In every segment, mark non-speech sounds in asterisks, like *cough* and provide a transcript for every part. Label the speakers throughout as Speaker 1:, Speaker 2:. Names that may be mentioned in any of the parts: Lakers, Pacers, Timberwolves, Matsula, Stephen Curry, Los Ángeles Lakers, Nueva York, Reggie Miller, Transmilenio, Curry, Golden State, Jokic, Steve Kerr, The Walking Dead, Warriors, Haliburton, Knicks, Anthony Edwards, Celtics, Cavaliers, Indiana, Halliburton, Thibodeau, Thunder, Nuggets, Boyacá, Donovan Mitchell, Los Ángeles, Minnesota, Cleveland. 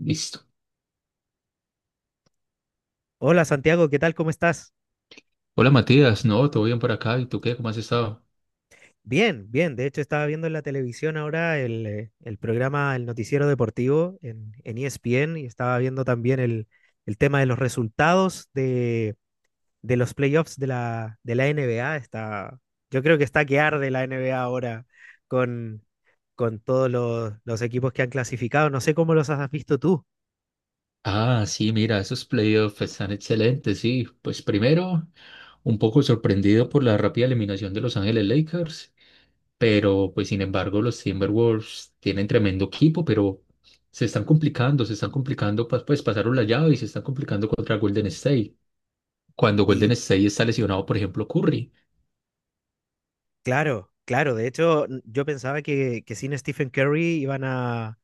Speaker 1: Listo.
Speaker 2: Hola Santiago, ¿qué tal? ¿Cómo estás?
Speaker 1: Hola Matías, no, todo bien por acá. ¿Y tú qué? ¿Cómo has estado?
Speaker 2: Bien, bien. De hecho, estaba viendo en la televisión ahora el programa, el noticiero deportivo en ESPN y estaba viendo también el tema de los resultados de los playoffs de la NBA. Yo creo que está que arde la NBA ahora con, con todos los equipos que han clasificado. No sé cómo los has visto tú.
Speaker 1: Ah, sí, mira, esos playoffs están excelentes, sí. Pues primero, un poco sorprendido por la rápida eliminación de Los Ángeles Lakers, pero pues sin embargo los Timberwolves tienen tremendo equipo, pero se están complicando, pues pasaron la llave y se están complicando contra Golden State. Cuando Golden
Speaker 2: Y
Speaker 1: State está lesionado, por ejemplo, Curry.
Speaker 2: claro, claro. De hecho, yo pensaba que sin Stephen Curry iban a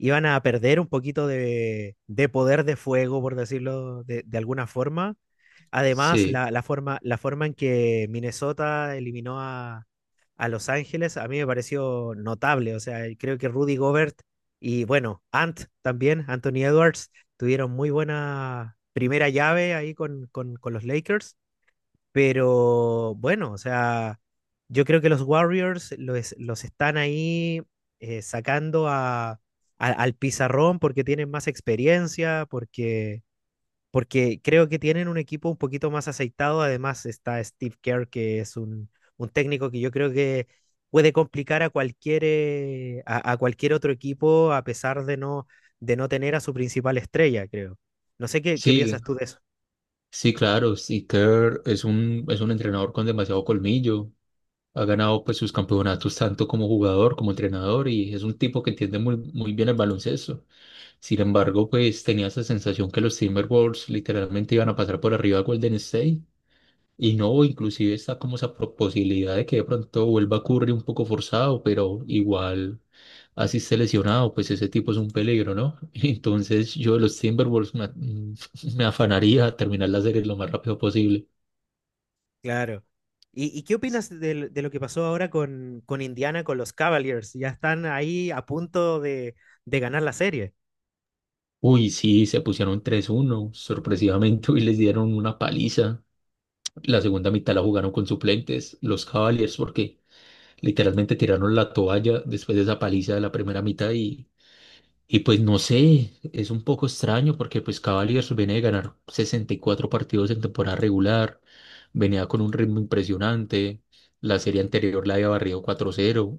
Speaker 2: iban a perder un poquito de poder de fuego, por decirlo de alguna forma. Además,
Speaker 1: Sí,
Speaker 2: la forma en que Minnesota eliminó a Los Ángeles a mí me pareció notable. O sea, y creo que Rudy Gobert y bueno, Ant también, Anthony Edwards, tuvieron muy buena primera llave ahí con los Lakers. Pero bueno, o sea, yo creo que los Warriors los están ahí sacando al pizarrón porque tienen más experiencia, porque creo que tienen un equipo un poquito más aceitado. Además está Steve Kerr, que es un técnico que yo creo que puede complicar a cualquier otro equipo a pesar de no tener a su principal estrella, creo. No sé qué
Speaker 1: sí,
Speaker 2: piensas tú de eso.
Speaker 1: sí, claro, sí, Kerr es un entrenador con demasiado colmillo. Ha ganado pues sus campeonatos tanto como jugador como entrenador y es un tipo que entiende muy, muy bien el baloncesto. Sin embargo, pues tenía esa sensación que los Timberwolves literalmente iban a pasar por arriba a Golden State y no, inclusive está como esa posibilidad de que de pronto vuelva a Curry un poco forzado, pero igual así esté lesionado, pues ese tipo es un peligro, ¿no? *laughs* Entonces yo de los Timberwolves *laughs* me afanaría a terminar la serie lo más rápido posible.
Speaker 2: Claro. ¿Y qué opinas de lo que pasó ahora con Indiana, con los Cavaliers? Ya están ahí a punto de ganar la serie.
Speaker 1: Uy, sí, se pusieron 3-1 sorpresivamente, *laughs* y les dieron una paliza. La segunda mitad la jugaron con suplentes, los Cavaliers, porque literalmente tiraron la toalla después de esa paliza de la primera mitad y pues no sé, es un poco extraño porque pues Cavaliers viene de ganar 64 partidos en temporada regular, venía con un ritmo impresionante, la serie anterior la había barrido 4-0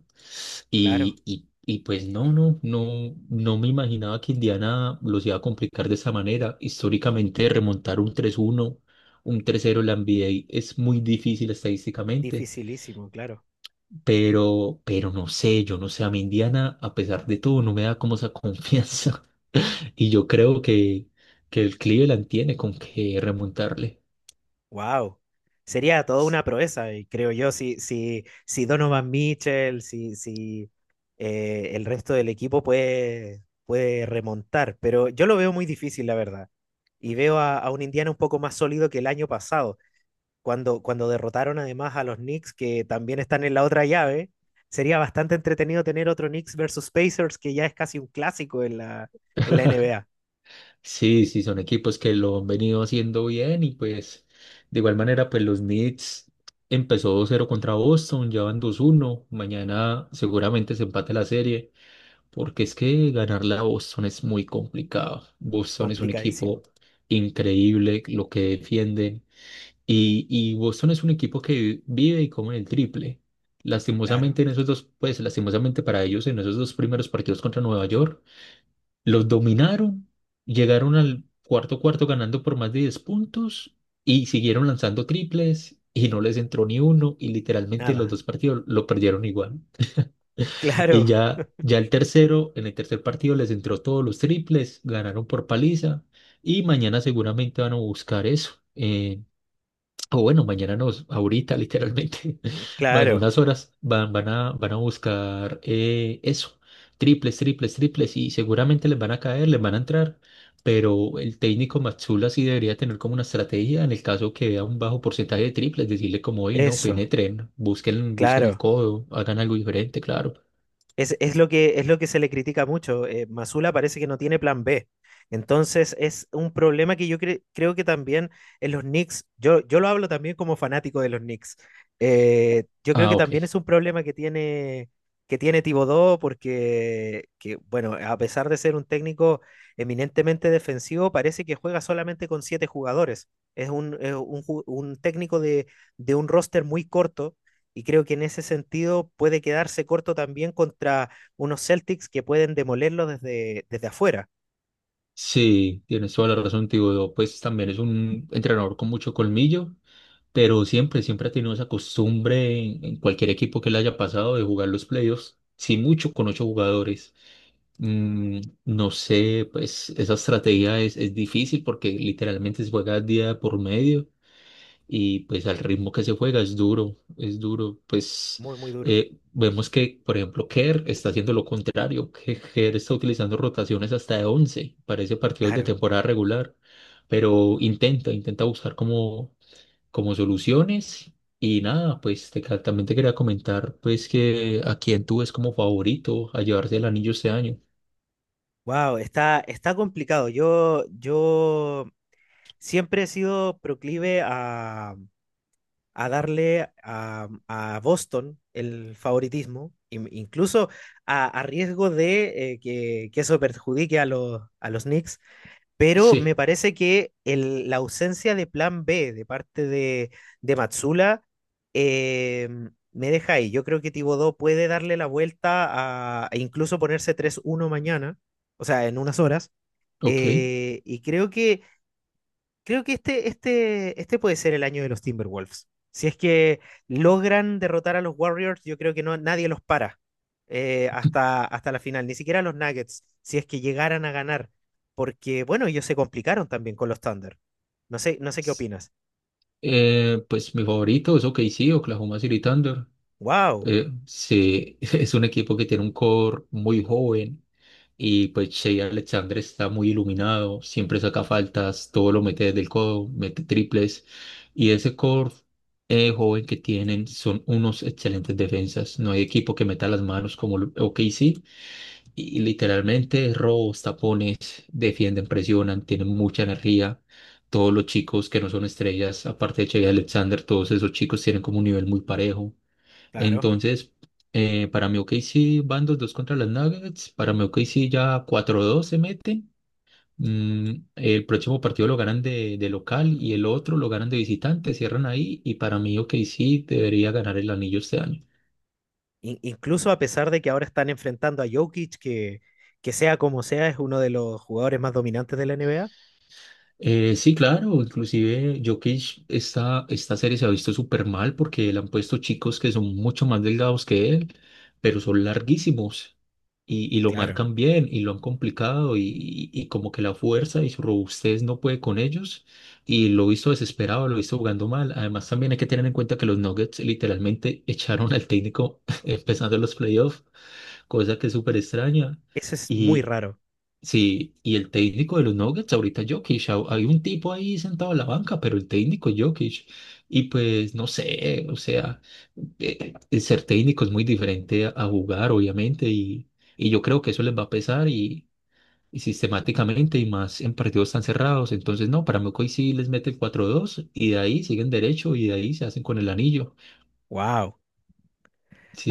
Speaker 2: Claro,
Speaker 1: y pues no me imaginaba que Indiana los iba a complicar de esa manera. Históricamente, remontar un 3-0 en la NBA es muy difícil estadísticamente,
Speaker 2: dificilísimo, claro.
Speaker 1: pero no sé, yo no sé, a mí Indiana, a pesar de todo, no me da como esa confianza. *laughs* Y yo creo que el Cleveland tiene con qué remontarle.
Speaker 2: Wow. Sería toda una proeza, y creo yo, si Donovan Mitchell, si, si el resto del equipo puede remontar. Pero yo lo veo muy difícil, la verdad. Y veo a un Indiana un poco más sólido que el año pasado, cuando derrotaron además a los Knicks, que también están en la otra llave. Sería bastante entretenido tener otro Knicks versus Pacers, que ya es casi un clásico en la NBA.
Speaker 1: Sí, sí, son equipos que lo han venido haciendo bien y pues de igual manera pues los Knicks empezó 2-0 contra Boston, ya van 2-1. Mañana seguramente se empate la serie porque es que ganarle a Boston es muy complicado. Boston es un
Speaker 2: Complicadísimo.
Speaker 1: equipo increíble lo que defienden y Boston es un equipo que vive y come el triple.
Speaker 2: Claro,
Speaker 1: Lastimosamente en esos dos, pues lastimosamente para ellos en esos dos primeros partidos contra Nueva York. Los dominaron, llegaron al cuarto cuarto ganando por más de 10 puntos y siguieron lanzando triples y no les entró ni uno y literalmente los
Speaker 2: nada. *laughs*
Speaker 1: dos partidos lo perdieron igual. Y
Speaker 2: Claro,
Speaker 1: ya, ya el tercero, en el tercer partido les entró todos los triples, ganaron por paliza y mañana seguramente van a buscar eso. O bueno, mañana ahorita literalmente, *laughs* en
Speaker 2: claro.
Speaker 1: unas horas van a buscar, eso, triples, triples, triples, y seguramente les van a caer, les van a entrar, pero el técnico Matsula sí debería tener como una estrategia en el caso que vea un bajo porcentaje de triples, decirle como, oye, no,
Speaker 2: Eso,
Speaker 1: penetren, busquen, busquen el
Speaker 2: claro.
Speaker 1: codo, hagan algo diferente, claro.
Speaker 2: Es lo que se le critica mucho. Masula parece que no tiene plan B. Entonces es un problema que yo creo que también en los Knicks, yo lo hablo también como fanático de los Knicks. Yo creo
Speaker 1: Ah,
Speaker 2: que
Speaker 1: ok.
Speaker 2: también es un problema que tiene Thibodeau porque, bueno, a pesar de ser un técnico eminentemente defensivo, parece que juega solamente con siete jugadores. Es un técnico de un roster muy corto y creo que en ese sentido puede quedarse corto también contra unos Celtics que pueden demolerlo desde afuera.
Speaker 1: Sí, tienes toda la razón, tío. Pues también es un entrenador con mucho colmillo pero siempre, siempre ha tenido esa costumbre en, cualquier equipo que le haya pasado de jugar los playoffs, sí mucho con ocho jugadores. No sé, pues esa estrategia es difícil porque literalmente se juega día por medio y pues al ritmo que se juega es duro, es duro. Pues
Speaker 2: Muy, muy duro.
Speaker 1: vemos que, por ejemplo, Kerr está haciendo lo contrario, que Kerr está utilizando rotaciones hasta de 11 parece partidos de
Speaker 2: Claro.
Speaker 1: temporada regular pero intenta, intenta buscar como soluciones. Y nada, pues también te quería comentar pues que a quién tú ves como favorito a llevarse el anillo este año. *laughs*
Speaker 2: Wow, está complicado. Yo siempre he sido proclive a darle a Boston el favoritismo, incluso a riesgo de que eso perjudique a los Knicks. Pero me
Speaker 1: Sí,
Speaker 2: parece que la ausencia de plan B de parte de Matsula eh, me deja ahí. Yo creo que Tibodó puede darle la vuelta a, e incluso ponerse 3-1 mañana, o sea, en unas horas.
Speaker 1: ok.
Speaker 2: Eh, y creo que Creo que este puede ser el año de los Timberwolves. Si es que logran derrotar a los Warriors, yo creo que no, nadie los para, hasta la final, ni siquiera los Nuggets, si es que llegaran a ganar, porque bueno, ellos se complicaron también con los Thunder. No sé qué
Speaker 1: S-
Speaker 2: opinas.
Speaker 1: pues mi favorito es OKC, Oklahoma City Thunder.
Speaker 2: ¡Wow!
Speaker 1: Sí, *laughs* es un equipo que tiene un core muy joven. Y pues Shea Alexander está muy iluminado, siempre saca faltas, todo lo mete desde el codo, mete triples. Y ese core, joven, que tienen son unos excelentes defensas. No hay equipo que meta las manos como el OKC. Y literalmente robos, tapones, defienden, presionan, tienen mucha energía. Todos los chicos que no son estrellas, aparte de Shea Alexander, todos esos chicos tienen como un nivel muy parejo.
Speaker 2: Claro.
Speaker 1: Entonces, para mi OKC van 2-2 contra las Nuggets. Para mi OKC ya 4-2 se mete. El próximo partido lo ganan de local y el otro lo ganan de visitante, cierran ahí. Y para mí OKC debería ganar el anillo este año.
Speaker 2: Incluso a pesar de que ahora están enfrentando a Jokic, que sea como sea, es uno de los jugadores más dominantes de la NBA.
Speaker 1: Sí, claro, inclusive Jokic, esta serie se ha visto súper mal porque le han puesto chicos que son mucho más delgados que él, pero son larguísimos y lo
Speaker 2: Claro.
Speaker 1: marcan bien y lo han complicado y como que la fuerza y su robustez no puede con ellos y lo he visto desesperado, lo he visto jugando mal. Además también hay que tener en cuenta que los Nuggets literalmente *laughs* echaron al técnico *laughs* empezando los playoffs, cosa que es súper extraña.
Speaker 2: Eso es muy raro.
Speaker 1: Sí, y el técnico de los Nuggets ahorita Jokic, hay un tipo ahí sentado en la banca, pero el técnico es Jokic. Y pues no sé, o sea, ser técnico es muy diferente a, jugar, obviamente, y yo creo que eso les va a pesar y sistemáticamente y más en partidos tan cerrados. Entonces, no, para mí hoy sí les mete el 4-2 y de ahí siguen derecho y de ahí se hacen con el anillo.
Speaker 2: ¡Wow!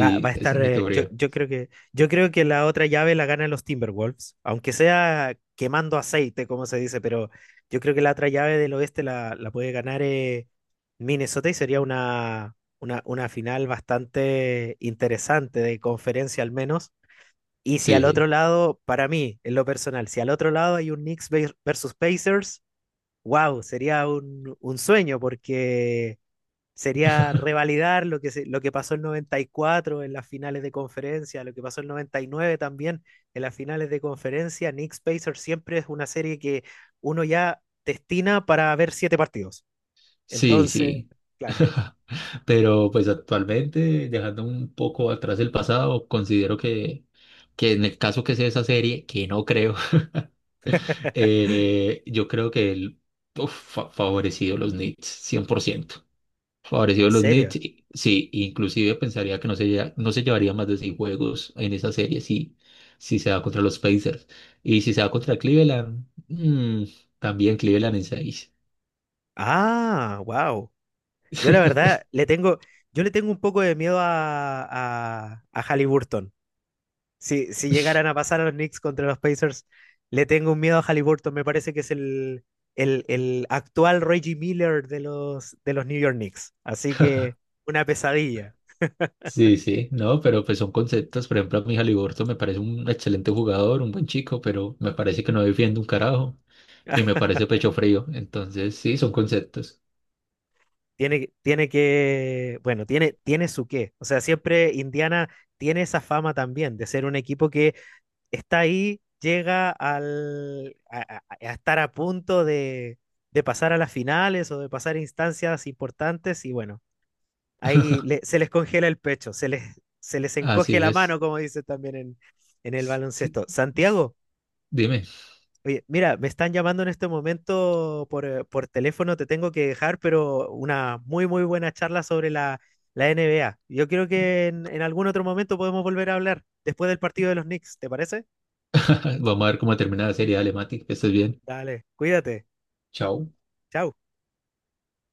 Speaker 2: Va a
Speaker 1: esa
Speaker 2: estar.
Speaker 1: es mi
Speaker 2: Yo,
Speaker 1: teoría.
Speaker 2: yo creo que, yo creo que la otra llave la ganan los Timberwolves, aunque sea quemando aceite, como se dice, pero yo creo que la otra llave del oeste la puede ganar Minnesota, y sería una final bastante interesante de conferencia al menos. Y si al otro
Speaker 1: Sí,
Speaker 2: lado, para mí, en lo personal, si al otro lado hay un Knicks versus Pacers, wow, sería un sueño, porque sería
Speaker 1: *laughs*
Speaker 2: revalidar lo que pasó el 94 en las finales de conferencia, lo que pasó el 99 también en las finales de conferencia. Knicks Pacers siempre es una serie que uno ya destina para ver siete partidos.
Speaker 1: sí,
Speaker 2: Entonces,
Speaker 1: sí.
Speaker 2: claro.
Speaker 1: Pero pues actualmente, dejando un poco atrás el pasado, considero que en el caso que sea esa serie, que no creo, *laughs*
Speaker 2: *laughs*
Speaker 1: yo creo que el, favorecido los Knicks, 100%.
Speaker 2: ¿En
Speaker 1: Favorecido los Knicks,
Speaker 2: serio?
Speaker 1: sí, inclusive pensaría que no se llevaría más de seis juegos en esa serie si, se da contra los Pacers. Y si se da contra Cleveland, también Cleveland en seis.
Speaker 2: Ah, wow. Yo la
Speaker 1: *laughs*
Speaker 2: verdad le tengo, yo le tengo un poco de miedo a Halliburton. Si llegaran a pasar a los Knicks contra los Pacers, le tengo un miedo a Halliburton. Me parece que es el actual Reggie Miller de los New York Knicks. Así que una pesadilla.
Speaker 1: Sí, sí, no, pero pues son conceptos. Por ejemplo, a mi Haliburton me parece un excelente jugador, un buen chico, pero me parece que no defiende un carajo y me
Speaker 2: *laughs*
Speaker 1: parece pecho frío. Entonces, sí, son conceptos.
Speaker 2: Tiene que, bueno, tiene su qué. O sea, siempre Indiana tiene esa fama también de ser un equipo que está ahí, llega al, a estar a punto de pasar a las finales o de pasar a instancias importantes y, bueno, ahí se les congela el pecho, se les
Speaker 1: Así
Speaker 2: encoge la
Speaker 1: es.
Speaker 2: mano, como dice también en el
Speaker 1: S- s-
Speaker 2: baloncesto.
Speaker 1: s-
Speaker 2: Santiago,
Speaker 1: Dime,
Speaker 2: oye, mira, me están llamando en este momento por teléfono, te tengo que dejar, pero una muy, muy buena charla sobre la NBA. Yo creo que en algún otro momento podemos volver a hablar después del partido de los Knicks, ¿te parece?
Speaker 1: *laughs* vamos a ver cómo termina la serie. Dale, Mati, que estés bien.
Speaker 2: Dale, cuídate.
Speaker 1: Chao.
Speaker 2: Chao.